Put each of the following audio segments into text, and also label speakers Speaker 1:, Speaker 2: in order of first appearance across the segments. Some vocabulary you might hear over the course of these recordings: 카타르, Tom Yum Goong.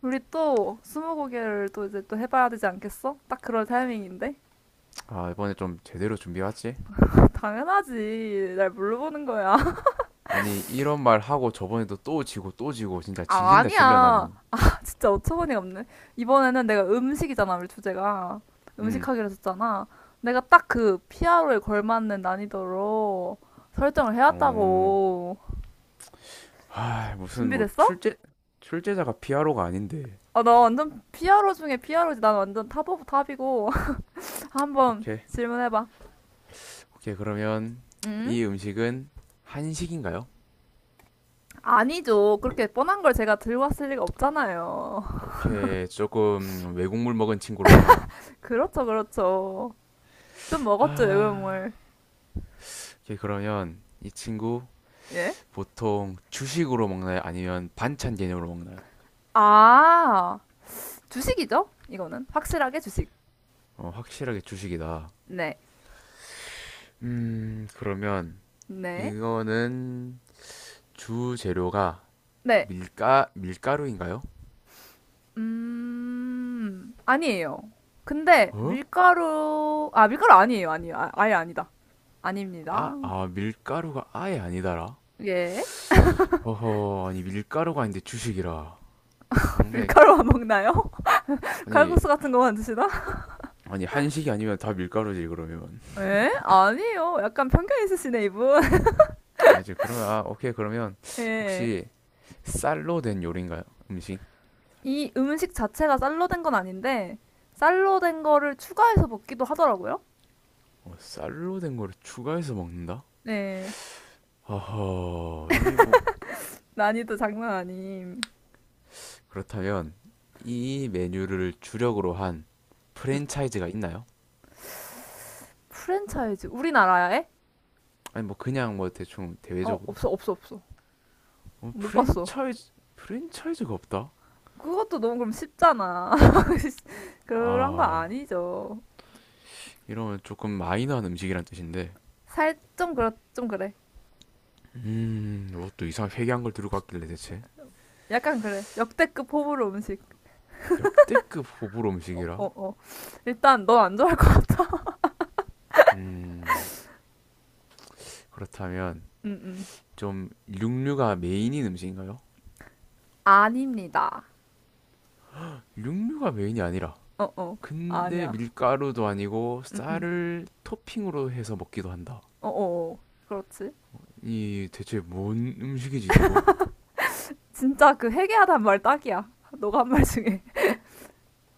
Speaker 1: 우리 또 스무고개를 또 이제 또 해봐야 되지 않겠어? 딱 그럴 타이밍인데?
Speaker 2: 아, 이번에 좀 제대로 준비해왔지?
Speaker 1: 당연하지. 날 물어보는 거야.
Speaker 2: 아니, 이런 말 하고 저번에도 또 지고 또 지고 진짜
Speaker 1: 아,
Speaker 2: 질린다 질려
Speaker 1: 아니야.
Speaker 2: 나는.
Speaker 1: 진짜 어처구니가 없네. 이번에는 내가 음식이잖아, 우리 주제가.
Speaker 2: 음.
Speaker 1: 음식하기로 했었잖아. 내가 딱 그 피아로에 걸맞는 난이도로 설정을
Speaker 2: 어.
Speaker 1: 해왔다고.
Speaker 2: 무슨 뭐
Speaker 1: 준비됐어?
Speaker 2: 출제자가 피아로가 아닌데.
Speaker 1: 아, 나 완전 피아로 중에 피아로지. 난 완전 탑 오브 탑이고. 한번
Speaker 2: 오케이.
Speaker 1: 질문해봐.
Speaker 2: 오케이. 그러면
Speaker 1: 응?
Speaker 2: 이 음식은 한식인가요?
Speaker 1: 아니죠. 그렇게 뻔한 걸 제가 들고 왔을 리가 없잖아요.
Speaker 2: 오케이. 조금 외국물 먹은 친구로구만.
Speaker 1: 그렇죠, 그렇죠. 좀 먹었죠,
Speaker 2: 하...
Speaker 1: 외국물.
Speaker 2: 오케이. 그러면 이 친구
Speaker 1: 예?
Speaker 2: 보통 주식으로 먹나요? 아니면 반찬 개념으로 먹나요?
Speaker 1: 아, 주식이죠? 이거는. 확실하게 주식.
Speaker 2: 어, 확실하게 주식이다.
Speaker 1: 네.
Speaker 2: 그러면
Speaker 1: 네.
Speaker 2: 이거는 주 재료가
Speaker 1: 네.
Speaker 2: 밀가루인가요?
Speaker 1: 아니에요. 근데
Speaker 2: 어?
Speaker 1: 밀가루, 아, 밀가루 아니에요. 아니에요. 아, 아예 아니다.
Speaker 2: 아,
Speaker 1: 아닙니다.
Speaker 2: 밀가루가 아예 아니다라.
Speaker 1: 예?
Speaker 2: 허허, 아니 밀가루가 아닌데 주식이라. 상당히
Speaker 1: 밀가루만 먹나요?
Speaker 2: 아니
Speaker 1: 칼국수 같은 거만 드시나?
Speaker 2: 아니 한식이 아니면 다 밀가루지 그러면.
Speaker 1: 예? 아니에요. 약간 편견 있으시네, 이분.
Speaker 2: 그러면 오케이 그러면
Speaker 1: 예.
Speaker 2: 혹시 쌀로 된 요리인가요? 음식?
Speaker 1: 이 음식 자체가 쌀로 된 건 아닌데, 쌀로 된 거를 추가해서 먹기도 하더라고요.
Speaker 2: 어, 쌀로 된 거를 추가해서 먹는다?
Speaker 1: 네.
Speaker 2: 허허, 이뭐
Speaker 1: 난이도 장난 아님.
Speaker 2: 그렇다면 이 메뉴를 주력으로 한
Speaker 1: 음,
Speaker 2: 프랜차이즈가 있나요?
Speaker 1: 프랜차이즈 우리나라에?
Speaker 2: 아니 뭐 그냥 뭐 대충
Speaker 1: 어,
Speaker 2: 대외적으로.
Speaker 1: 없어, 없어, 없어.
Speaker 2: 어,
Speaker 1: 못 봤어.
Speaker 2: 프랜차이즈가 없다.
Speaker 1: 그것도 너무 그럼 쉽잖아. 그런 거
Speaker 2: 아
Speaker 1: 아니죠.
Speaker 2: 이러면 조금 마이너한 음식이란 뜻인데.
Speaker 1: 살 좀 그렇 좀 그래.
Speaker 2: 이것도 이상 회개한 걸 들고 왔길래 대체
Speaker 1: 약간 그래. 역대급 호불호 음식.
Speaker 2: 역대급 호불호
Speaker 1: 어,
Speaker 2: 음식이라.
Speaker 1: 어. 일단 넌 안 좋아할 거.
Speaker 2: 음 그렇다면
Speaker 1: 음, 음.
Speaker 2: 좀 육류가 메인인 음식인가요?
Speaker 1: 아닙니다.
Speaker 2: 육류가 메인이 아니라.
Speaker 1: 어, 어.
Speaker 2: 근데
Speaker 1: 아니야.
Speaker 2: 밀가루도 아니고
Speaker 1: 음, 음.
Speaker 2: 쌀을 토핑으로 해서 먹기도 한다.
Speaker 1: 어, 어. 어. 그렇지.
Speaker 2: 이 대체 뭔 음식이지 이거?
Speaker 1: 진짜 그 회개하다는 말 딱이야. 너가 한 말 중에.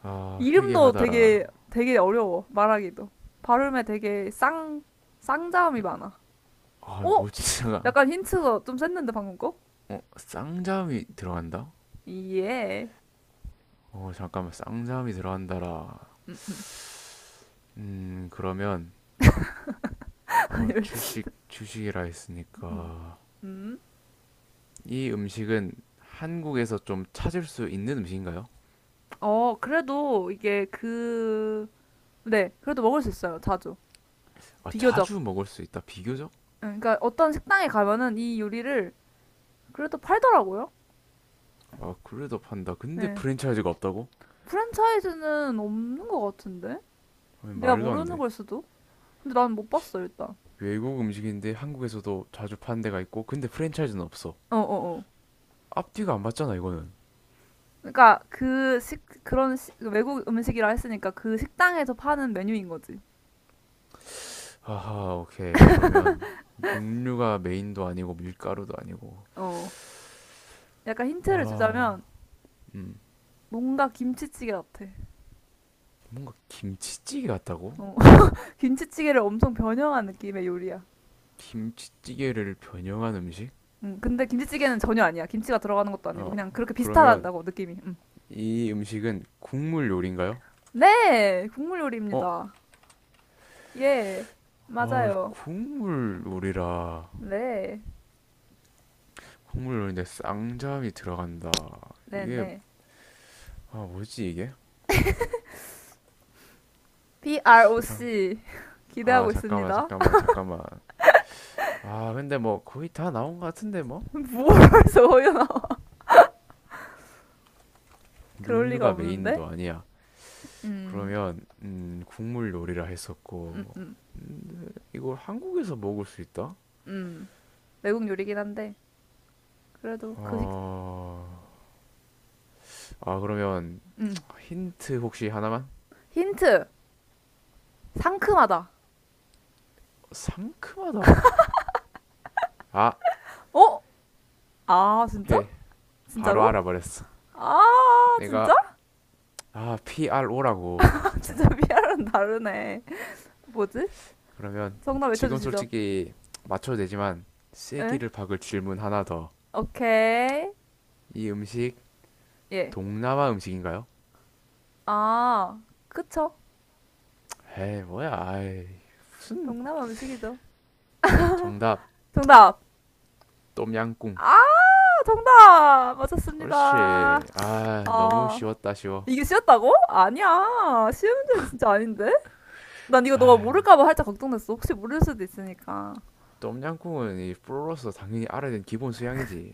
Speaker 2: 아
Speaker 1: 이름도
Speaker 2: 회개하다라.
Speaker 1: 되게 되게 어려워 말하기도 발음에 되게 쌍 쌍자음이 많아.
Speaker 2: 아
Speaker 1: 어?
Speaker 2: 뭐지? 제가.
Speaker 1: 약간 힌트가 좀 셌는데 방금 거?
Speaker 2: 어 쌍잠이 들어간다?
Speaker 1: 예.
Speaker 2: 어, 잠깐만, 쌍잠이 들어간다라.
Speaker 1: 음.
Speaker 2: 그러면, 아, 주식이라
Speaker 1: 음,
Speaker 2: 했으니까.
Speaker 1: 음.
Speaker 2: 이 음식은 한국에서 좀 찾을 수 있는 음식인가요?
Speaker 1: 어 그래도 이게 그 네, 그래도 먹을 수 있어요 자주
Speaker 2: 아,
Speaker 1: 비교적.
Speaker 2: 자주 먹을 수 있다, 비교적?
Speaker 1: 응, 그러니까 어떤 식당에 가면은 이 요리를 그래도 팔더라고요.
Speaker 2: 아, 그래도 판다. 근데
Speaker 1: 네.
Speaker 2: 프랜차이즈가 없다고?
Speaker 1: 프랜차이즈는 없는 것 같은데?
Speaker 2: 아니,
Speaker 1: 내가
Speaker 2: 말도 안
Speaker 1: 모르는
Speaker 2: 돼.
Speaker 1: 걸 수도? 근데 난 못 봤어 일단.
Speaker 2: 외국 음식인데 한국에서도 자주 파는 데가 있고, 근데 프랜차이즈는 없어.
Speaker 1: 어어어.
Speaker 2: 앞뒤가 안 맞잖아, 이거는.
Speaker 1: 그러니까 그 외국 음식이라 했으니까 그 식당에서 파는 메뉴인 거지.
Speaker 2: 아하, 오케이. 그러면, 육류가 메인도 아니고, 밀가루도 아니고.
Speaker 1: 어. 약간 힌트를
Speaker 2: 아,
Speaker 1: 주자면
Speaker 2: 음.
Speaker 1: 뭔가 김치찌개 같아.
Speaker 2: 뭔가 김치찌개 같다고?
Speaker 1: 어. 김치찌개를 엄청 변형한 느낌의 요리야.
Speaker 2: 김치찌개를 변형한 음식?
Speaker 1: 근데 김치찌개는 전혀 아니야. 김치가 들어가는 것도 아니고
Speaker 2: 어,
Speaker 1: 그냥 그렇게
Speaker 2: 그러면
Speaker 1: 비슷하다고 느낌이. 음.
Speaker 2: 이 음식은 국물 요리인가요?
Speaker 1: 네, 국물
Speaker 2: 어,
Speaker 1: 요리입니다. 예,
Speaker 2: 아,
Speaker 1: 맞아요.
Speaker 2: 국물 요리라.
Speaker 1: 네,
Speaker 2: 국물 요리인데 쌍잠이 들어간다.
Speaker 1: 네,
Speaker 2: 이게,
Speaker 1: 네.
Speaker 2: 아, 뭐지 이게? 잠,
Speaker 1: PROC
Speaker 2: 아,
Speaker 1: 기대하고
Speaker 2: 잠깐만,
Speaker 1: 있습니다.
Speaker 2: 잠깐만. 아, 근데 뭐 거의 다 나온 것 같은데 뭐?
Speaker 1: 뭘 서요 나와? 그럴 리가
Speaker 2: 육류가
Speaker 1: 없는데.
Speaker 2: 메인도 아니야.
Speaker 1: 음,
Speaker 2: 그러면, 국물 요리라
Speaker 1: 음,
Speaker 2: 했었고,
Speaker 1: 음.
Speaker 2: 이걸 한국에서 먹을 수 있다?
Speaker 1: 음, 외국 요리긴 한데 그래도 그 식,
Speaker 2: 어, 아, 그러면
Speaker 1: 음,
Speaker 2: 힌트 혹시 하나만?
Speaker 1: 힌트 상큼하다.
Speaker 2: 상큼하다? 아,
Speaker 1: 어? 아, 진짜?
Speaker 2: 오케이. 바로
Speaker 1: 진짜로?
Speaker 2: 알아버렸어.
Speaker 1: 아,
Speaker 2: 내가,
Speaker 1: 진짜?
Speaker 2: 아, PRO라고, 진짜.
Speaker 1: 진짜 미아랑 다르네. 뭐지?
Speaker 2: 그러면,
Speaker 1: 정답
Speaker 2: 지금
Speaker 1: 외쳐주시죠.
Speaker 2: 솔직히 맞춰도 되지만,
Speaker 1: 응?
Speaker 2: 쐐기를 박을 질문 하나 더.
Speaker 1: 오케이.
Speaker 2: 이 음식,
Speaker 1: 예.
Speaker 2: 동남아 음식인가요?
Speaker 1: 아, 그쵸?
Speaker 2: 에이, 뭐야, 아이. 무슨,
Speaker 1: 동남 음식이죠.
Speaker 2: 정답.
Speaker 1: 정답.
Speaker 2: 똠양꿍.
Speaker 1: 아, 정답 맞았습니다.
Speaker 2: 그렇지. 아, 너무
Speaker 1: 아,
Speaker 2: 쉬웠다, 쉬워.
Speaker 1: 이게 쉬웠다고? 아니야. 쉬운 문제는 진짜 아닌데? 난 이거 너가
Speaker 2: 아,
Speaker 1: 모를까봐 살짝 걱정됐어. 혹시 모를 수도 있으니까.
Speaker 2: 똠양꿍은 이 프로로서 당연히 알아야 되는 기본 수양이지.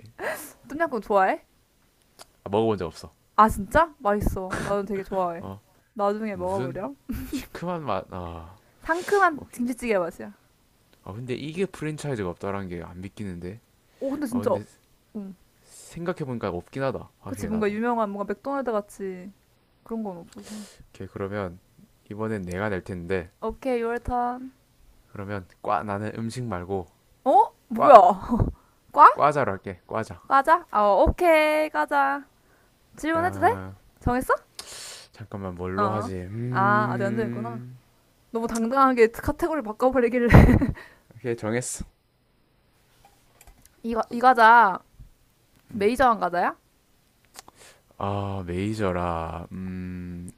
Speaker 1: 똠양꿍 좋아해?
Speaker 2: 아, 먹어본 적 없어.
Speaker 1: 아 진짜? 맛있어. 나는 되게 좋아해.
Speaker 2: 어.
Speaker 1: 나중에
Speaker 2: 무슨
Speaker 1: 먹어보렴.
Speaker 2: 시큼한 맛. 아,
Speaker 1: 상큼한
Speaker 2: 오케이.
Speaker 1: 김치찌개 맛이야.
Speaker 2: 아 근데 이게 프랜차이즈가 없다라는 게 안 믿기는데.
Speaker 1: 오 근데
Speaker 2: 아
Speaker 1: 진짜,
Speaker 2: 근데
Speaker 1: 응.
Speaker 2: 생각해 보니까 없긴 하다.
Speaker 1: 그치
Speaker 2: 확실히
Speaker 1: 뭔가
Speaker 2: 나도.
Speaker 1: 유명한 뭔가 맥도날드 같이 그런 건 없어서.
Speaker 2: 오케이 그러면 이번엔 내가 낼 텐데
Speaker 1: 오케이 your turn.
Speaker 2: 그러면 과 나는 음식 말고
Speaker 1: 어? 뭐야?
Speaker 2: 과
Speaker 1: 과?
Speaker 2: 과자로 할게. 과자.
Speaker 1: 과자? 어 오케이 과자. 질문해도 돼?
Speaker 2: 야,
Speaker 1: 정했어?
Speaker 2: 잠깐만 뭘로
Speaker 1: 어.
Speaker 2: 하지?
Speaker 1: 아 아직 안 정했구나.
Speaker 2: 음.
Speaker 1: 너무 당당하게 카테고리 바꿔버리길래.
Speaker 2: 오케이 정했어.
Speaker 1: 이 과자
Speaker 2: 음.
Speaker 1: 메이저한 과자야?
Speaker 2: 아 메이저라.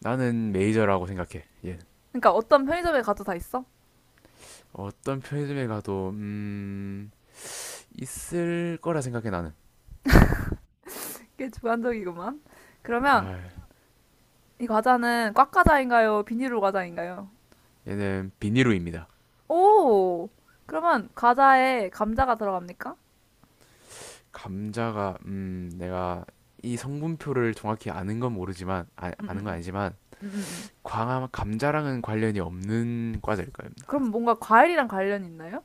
Speaker 2: 나는 메이저라고 생각해. 얘
Speaker 1: 그러니까 어떤 편의점에 가도 다 있어?
Speaker 2: 어떤 편의점에 가도 있을 거라 생각해 나는.
Speaker 1: 꽤 주관적이구만. 그러면
Speaker 2: 아,
Speaker 1: 이 과자는 꽉 과자인가요? 비닐로 과자인가요?
Speaker 2: 얘는 비니루입니다.
Speaker 1: 오! 그러면 과자에 감자가 들어갑니까?
Speaker 2: 감자가 내가 이 성분표를 정확히 아는 건 모르지만 아,
Speaker 1: 음,
Speaker 2: 아는 건
Speaker 1: 음,
Speaker 2: 아니지만
Speaker 1: 음, 음, 음.
Speaker 2: 광 감자랑은 관련이 없는 과자일 겁니다.
Speaker 1: 그럼 뭔가 과일이랑 관련 있나요?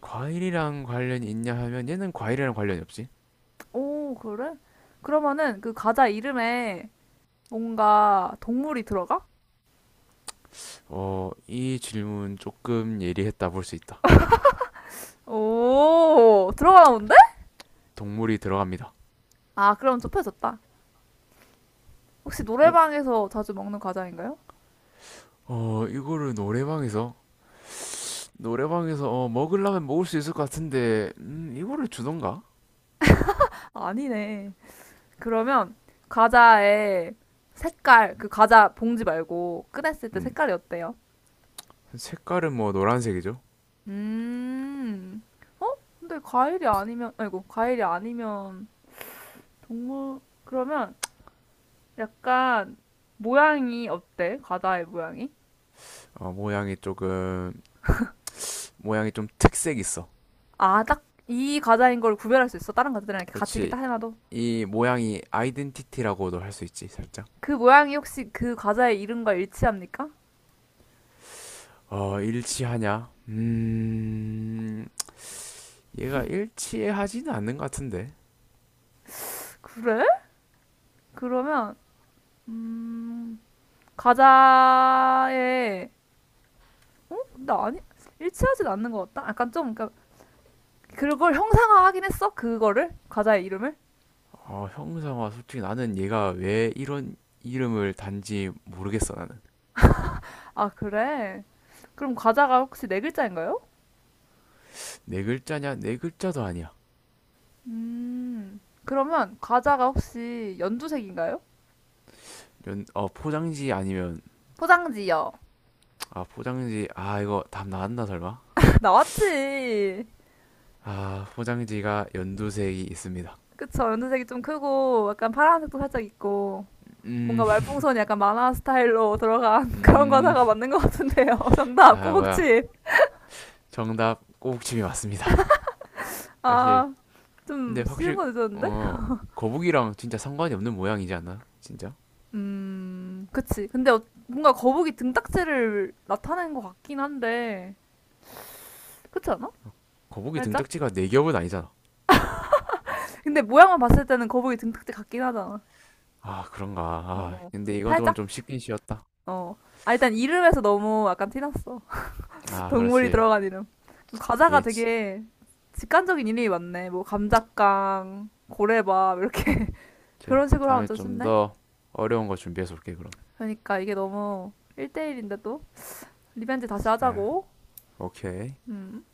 Speaker 2: 과일이랑 관련이 있냐 하면 얘는 과일이랑 관련이 없지.
Speaker 1: 오, 그래? 그러면은 그 과자 이름에 뭔가 동물이 들어가?
Speaker 2: 어, 이 질문 조금 예리했다 볼 수 있다.
Speaker 1: 오, 들어가나 본데?
Speaker 2: 동물이 들어갑니다.
Speaker 1: 아, 그럼 좁혀졌다. 혹시
Speaker 2: 어?
Speaker 1: 노래방에서 자주 먹는 과자인가요?
Speaker 2: 어, 이거를 노래방에서 어, 먹으려면 먹을 수 있을 것 같은데 이거를 주던가?
Speaker 1: 아, 아니네. 그러면 과자의 색깔, 그 과자 봉지 말고 꺼냈을 때
Speaker 2: 음,
Speaker 1: 색깔이 어때요?
Speaker 2: 색깔은 뭐 노란색이죠.
Speaker 1: 음. 어? 근데 과일이 아니면, 아이고, 과일이 아니면 동물, 그러면 약간 모양이 어때? 과자의 모양이?
Speaker 2: 어, 모양이 조금 모양이 좀 특색 있어.
Speaker 1: 아, 딱 이 과자인 걸 구별할 수 있어? 다른 과자들이랑 이렇게 같이 이렇게
Speaker 2: 그렇지.
Speaker 1: 딱 해놔도?
Speaker 2: 이 모양이 아이덴티티라고도 할 수 있지, 살짝.
Speaker 1: 그 모양이 혹시 그 과자의 이름과 일치합니까?
Speaker 2: 어, 일치하냐? 얘가 일치하지는 않는 것 같은데.
Speaker 1: 그래? 그러면, 음, 과자의, 어? 근데 아니, 일치하진 않는 것 같다? 약간 좀, 그러니까 그걸 형상화하긴 했어? 그거를? 과자의 이름을?
Speaker 2: 어, 형상화, 솔직히 나는 얘가 왜 이런 이름을 단지 모르겠어, 나는.
Speaker 1: 아, 그래? 그럼 과자가 혹시 네 글자인가요?
Speaker 2: 네 글자냐? 네 글자도 아니야.
Speaker 1: 그러면 과자가 혹시 연두색인가요?
Speaker 2: 연, 어, 포장지 아니면,
Speaker 1: 포장지요.
Speaker 2: 아, 포장지, 아, 이거 답 나왔나, 설마?
Speaker 1: 나왔지.
Speaker 2: 아, 포장지가 연두색이 있습니다.
Speaker 1: 그쵸, 연두색이 좀 크고, 약간 파란색도 살짝 있고,
Speaker 2: 음,
Speaker 1: 뭔가 말풍선이 약간 만화 스타일로 들어간 그런
Speaker 2: 음,
Speaker 1: 과자가 맞는 것 같은데요. 정답,
Speaker 2: 아, 뭐야.
Speaker 1: 꼬북칩.
Speaker 2: 정답, 꼬북칩이 맞습니다. 사실
Speaker 1: 아,
Speaker 2: 근데
Speaker 1: 좀 쉬운
Speaker 2: 확실히
Speaker 1: 거 늦었는데?
Speaker 2: 어 거북이랑 진짜 상관이 없는 모양이지 않나? 요 진짜?
Speaker 1: 그치. 근데 어- 뭔가 거북이 등딱지를 나타낸 것 같긴 한데, 그렇지 않아?
Speaker 2: 거북이
Speaker 1: 살짝?
Speaker 2: 등딱지가 네 겹은 아니잖아.
Speaker 1: 근데 모양만 봤을 때는 거북이 등딱지 같긴 하잖아.
Speaker 2: 아 그런가.
Speaker 1: 어,
Speaker 2: 아
Speaker 1: 어.
Speaker 2: 근데 이건 조금
Speaker 1: 살짝?
Speaker 2: 좀 쉽긴 쉬웠다.
Speaker 1: 어. 아, 일단 이름에서 너무 약간 티났어.
Speaker 2: 아
Speaker 1: 동물이
Speaker 2: 그렇지.
Speaker 1: 들어간 이름. 과자가
Speaker 2: 예, 지-
Speaker 1: 되게 직관적인 이름이 많네. 뭐, 감자깡, 고래밥, 이렇게.
Speaker 2: 이제
Speaker 1: 그런 식으로 하면
Speaker 2: 다음에
Speaker 1: 좀
Speaker 2: 좀
Speaker 1: 쉽네.
Speaker 2: 더 어려운 거 준비해서 올게 그럼.
Speaker 1: 그러니까 이게 너무 1대1인데 또. 리벤지 다시
Speaker 2: 아
Speaker 1: 하자고.
Speaker 2: 오케이.
Speaker 1: 음.